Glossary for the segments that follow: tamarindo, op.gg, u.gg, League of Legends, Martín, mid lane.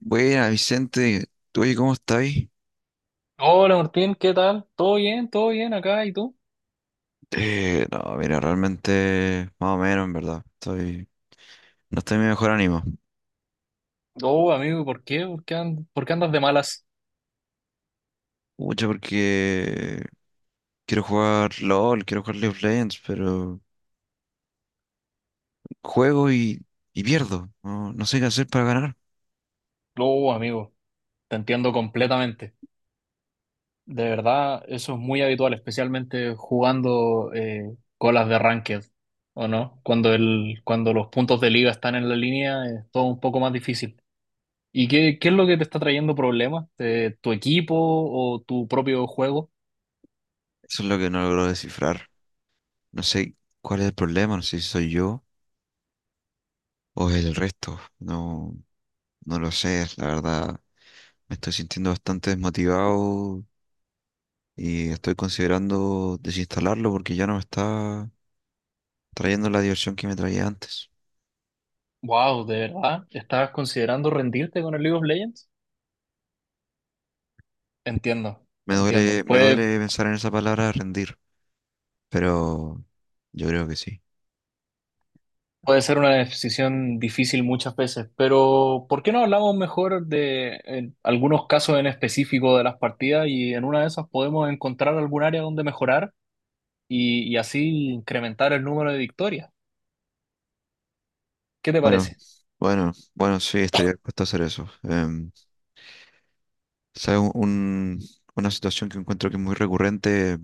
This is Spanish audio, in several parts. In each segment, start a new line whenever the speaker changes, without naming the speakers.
Buena, Vicente, ¿tú oye, cómo estáis?
Hola Martín, ¿qué tal? ¿Todo bien? ¿Todo bien acá? ¿Y tú?
No, mira, realmente más o menos, en verdad. No estoy en mi mejor ánimo.
Oh, amigo, ¿por qué? ¿Por qué andas de malas?
Mucho porque quiero jugar LOL, quiero jugar League of Legends, pero juego y pierdo. No sé qué hacer para ganar.
Oh, amigo, te entiendo completamente. De verdad, eso es muy habitual, especialmente jugando colas de ranked, ¿o no? Cuando los puntos de liga están en la línea, es todo un poco más difícil. ¿Y qué es lo que te está trayendo problemas? ¿Tu equipo o tu propio juego?
Eso es lo que no logro descifrar. No sé cuál es el problema, no sé si soy yo o es el resto. No, no lo sé, la verdad. Me estoy sintiendo bastante desmotivado y estoy considerando desinstalarlo porque ya no me está trayendo la diversión que me traía antes.
Wow, ¿de verdad? ¿Estás considerando rendirte con el League of Legends? Entiendo, entiendo.
Me
Puede,
duele pensar en esa palabra rendir, pero yo creo que sí.
Puede ser una decisión difícil muchas veces, pero ¿por qué no hablamos mejor de algunos casos en específico de las partidas y en una de esas podemos encontrar algún área donde mejorar y así incrementar el número de victorias? ¿Qué te
Bueno,
parece?
bueno, bueno, sí, estaría dispuesto a hacer eso. ¿Sabes? Una situación que encuentro que es muy recurrente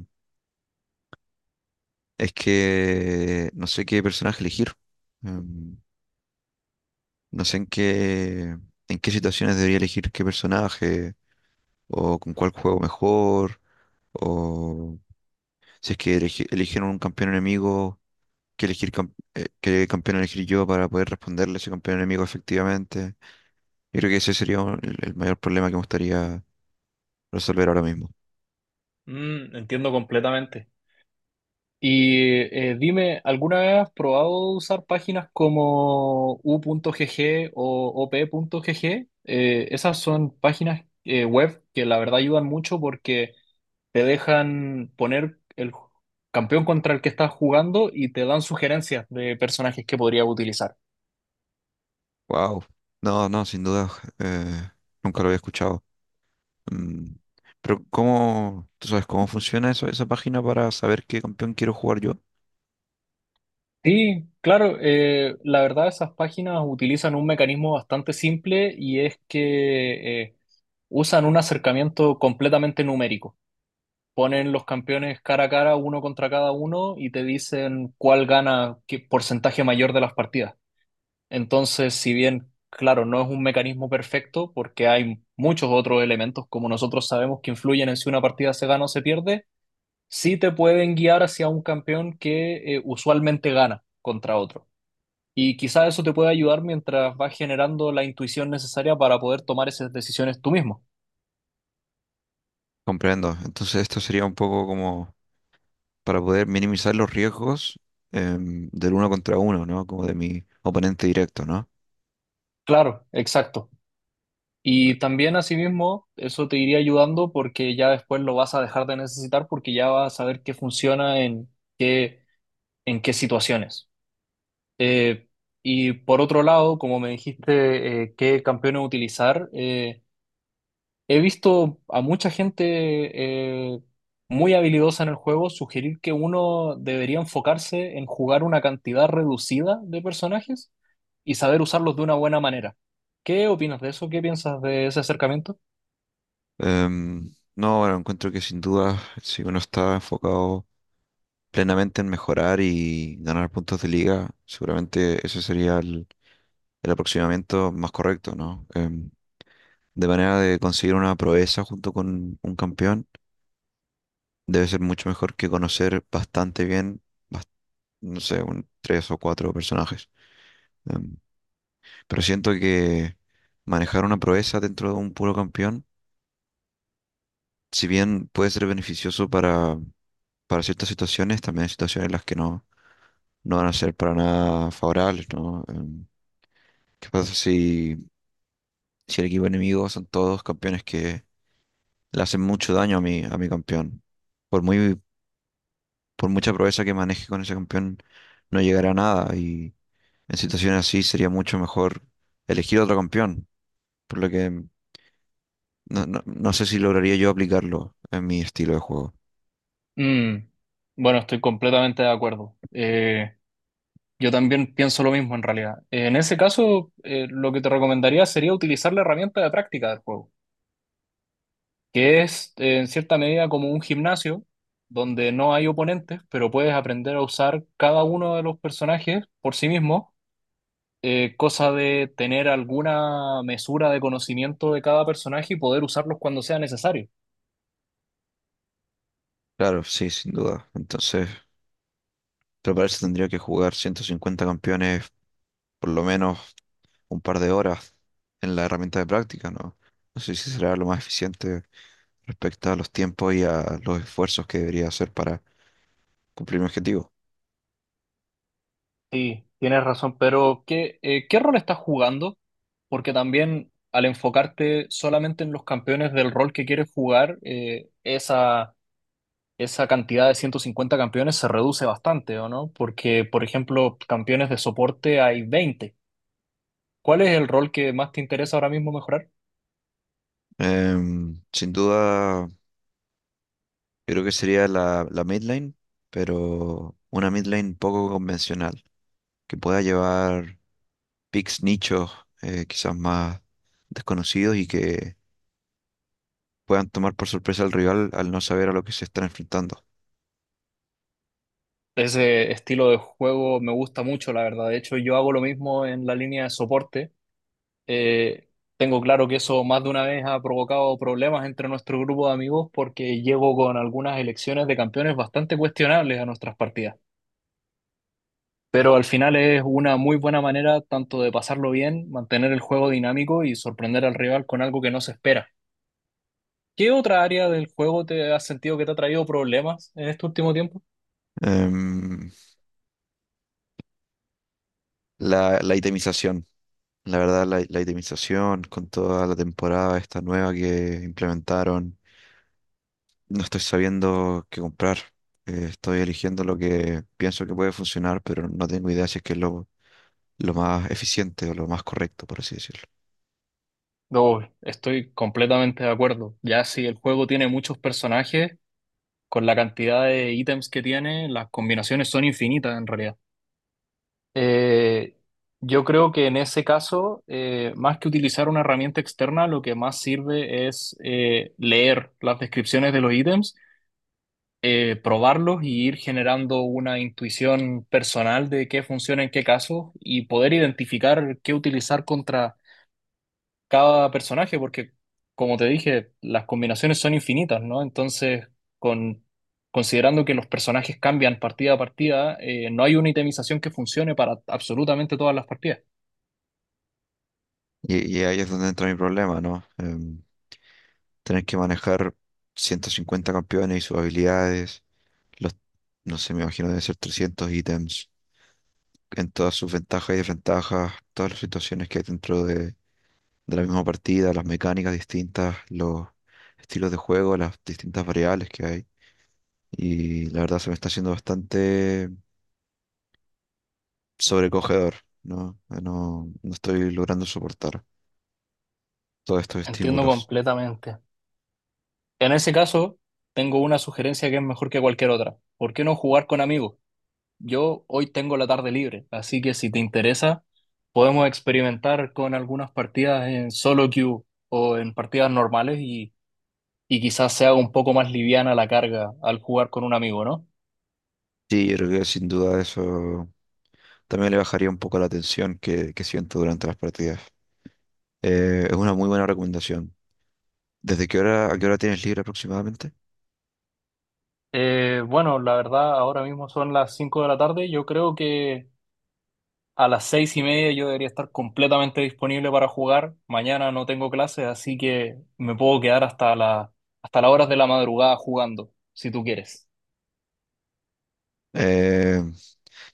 es que no sé qué personaje elegir. Em, no sé en en qué situaciones debería elegir qué personaje o con cuál juego mejor. O si es que eligieron un campeón enemigo, que elegir qué campeón elegir yo para poder responderle a ese campeón enemigo efectivamente. Yo creo que ese sería el mayor problema que me gustaría resolver ahora mismo.
Entiendo completamente. Y dime, ¿alguna vez has probado usar páginas como u.gg o op.gg? Esas son páginas web que la verdad ayudan mucho porque te dejan poner el campeón contra el que estás jugando y te dan sugerencias de personajes que podrías utilizar.
Wow. No, no, sin duda. eh, Nunca lo había escuchado. Mm, Pero ¿cómo, tú sabes cómo funciona eso, esa página para saber qué campeón quiero jugar yo?
Sí, claro, la verdad esas páginas utilizan un mecanismo bastante simple y es que usan un acercamiento completamente numérico. Ponen los campeones cara a cara, uno contra cada uno, y te dicen cuál gana qué porcentaje mayor de las partidas. Entonces, si bien, claro, no es un mecanismo perfecto porque hay muchos otros elementos, como nosotros sabemos, que influyen en si una partida se gana o se pierde, sí te pueden guiar hacia un campeón que usualmente gana contra otro. Y quizás eso te puede ayudar mientras vas generando la intuición necesaria para poder tomar esas decisiones tú mismo.
Comprendo. Entonces esto sería un poco como para poder minimizar los riesgos del uno contra uno, ¿no? Como de mi oponente directo, ¿no?
Claro, exacto. Y también asimismo, eso te iría ayudando porque ya después lo vas a dejar de necesitar porque ya vas a saber qué funciona en qué, qué situaciones. Eh, y por otro lado, como me dijiste, qué campeones utilizar, he visto a mucha gente muy habilidosa en el juego sugerir que uno debería enfocarse en jugar una cantidad reducida de personajes y saber usarlos de una buena manera. ¿Qué opinas de eso? ¿Qué piensas de ese acercamiento?
Em, no, bueno, encuentro que sin duda, si uno está enfocado plenamente en mejorar y ganar puntos de liga, seguramente ese sería el aproximamiento más correcto, ¿no? De manera de conseguir una proeza junto con un campeón, debe ser mucho mejor que conocer bastante bien, bas- no sé, un, tres o cuatro personajes. Em, pero siento que manejar una proeza dentro de un puro campeón, si bien puede ser beneficioso para ciertas situaciones, también hay situaciones en las que no van a ser para nada favorables, ¿no? ¿Qué pasa si el equipo enemigo son todos campeones que le hacen mucho daño a a mi campeón? Por muy, por mucha proeza que maneje con ese campeón, no llegará a nada y en situaciones así sería mucho mejor elegir otro campeón, por lo que no, no, no sé si lograría yo aplicarlo en mi estilo de juego.
Mm, Bueno, estoy completamente de acuerdo. Yo también pienso lo mismo en realidad. En ese caso, lo que te recomendaría sería utilizar la herramienta de práctica del juego, que es en cierta medida como un gimnasio donde no hay oponentes, pero puedes aprender a usar cada uno de los personajes por sí mismo, cosa de tener alguna mesura de conocimiento de cada personaje y poder usarlos cuando sea necesario.
Claro, sí, sin duda. Entonces, pero para eso tendría que jugar 150 campeones por lo menos un par de horas en la herramienta de práctica, ¿no? No sé si será lo más eficiente respecto a los tiempos y a los esfuerzos que debería hacer para cumplir mi objetivo.
Sí, tienes razón, pero ¿qué rol estás jugando? Porque también al enfocarte solamente en los campeones del rol que quieres jugar, esa cantidad de 150 campeones se reduce bastante, ¿o no? Porque, por ejemplo, campeones de soporte hay 20. ¿Cuál es el rol que más te interesa ahora mismo mejorar?
Sin duda, yo creo que sería la mid lane, pero una mid lane poco convencional, que pueda llevar picks nichos quizás más desconocidos y que puedan tomar por sorpresa al rival al no saber a lo que se están enfrentando.
Ese estilo de juego me gusta mucho, la verdad. De hecho, yo hago lo mismo en la línea de soporte. Eh, tengo claro que eso más de una vez ha provocado problemas entre nuestro grupo de amigos porque llego con algunas elecciones de campeones bastante cuestionables a nuestras partidas. Pero al final es una muy buena manera tanto de pasarlo bien, mantener el juego dinámico y sorprender al rival con algo que no se espera. ¿Qué otra área del juego te has sentido que te ha traído problemas en este último tiempo?
Em, la itemización. La verdad, la itemización con toda la temporada esta nueva que implementaron, no estoy sabiendo qué comprar. Estoy eligiendo lo que pienso que puede funcionar, pero no tengo idea si es que es lo más eficiente o lo más correcto, por así decirlo.
No, estoy completamente de acuerdo. Ya si el juego tiene muchos personajes, con la cantidad de ítems que tiene, las combinaciones son infinitas en realidad. Eh, yo creo que en ese caso, más que utilizar una herramienta externa, lo que más sirve es leer las descripciones de los ítems, probarlos y ir generando una intuición personal de qué funciona en qué caso y poder identificar qué utilizar contra cada personaje, porque como te dije, las combinaciones son infinitas, ¿no? Entonces, con... Considerando que los personajes cambian partida a partida, no hay una itemización que funcione para absolutamente todas las partidas.
Y ahí es donde entra mi problema, ¿no? Tener que manejar 150 campeones y sus habilidades, los, no sé, me imagino deben ser 300 ítems, en todas sus ventajas y desventajas, todas las situaciones que hay dentro de la misma partida, las mecánicas distintas, los estilos de juego, las distintas variables que hay. Y la verdad se me está haciendo bastante sobrecogedor, ¿no? No estoy logrando soportar todos estos
Entiendo
estímulos.
completamente. En ese caso, tengo una sugerencia que es mejor que cualquier otra. ¿Por qué no jugar con amigos? Yo hoy tengo la tarde libre, así que si te interesa, podemos experimentar con algunas partidas en solo queue o en partidas normales y quizás sea un poco más liviana la carga al jugar con un amigo, ¿no?
Sí, yo creo que sin duda eso también le bajaría un poco la tensión que siento durante las partidas. Es una muy buena recomendación. ¿Desde qué hora, a qué hora tienes libre aproximadamente?
Bueno, la verdad, ahora mismo son las 5 de la tarde. Yo creo que a las 6:30 yo debería estar completamente disponible para jugar. Mañana no tengo clases, así que me puedo quedar hasta las horas de la madrugada jugando, si tú quieres.
Eh,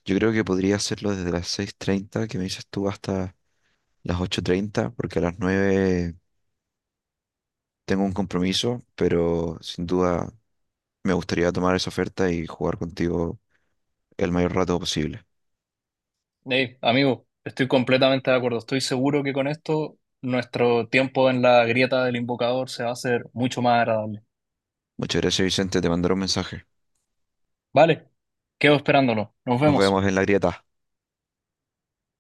yo creo que podría hacerlo desde las 6:30 que me dices tú hasta las 8:30 porque a las 9 tengo un compromiso, pero sin duda me gustaría tomar esa oferta y jugar contigo el mayor rato posible.
Hey, amigo, estoy completamente de acuerdo. Estoy seguro que con esto nuestro tiempo en la grieta del invocador se va a hacer mucho más agradable.
Muchas gracias, Vicente, te mandaré un mensaje.
Vale, quedo esperándolo. Nos
Nos
vemos.
vemos en la grieta.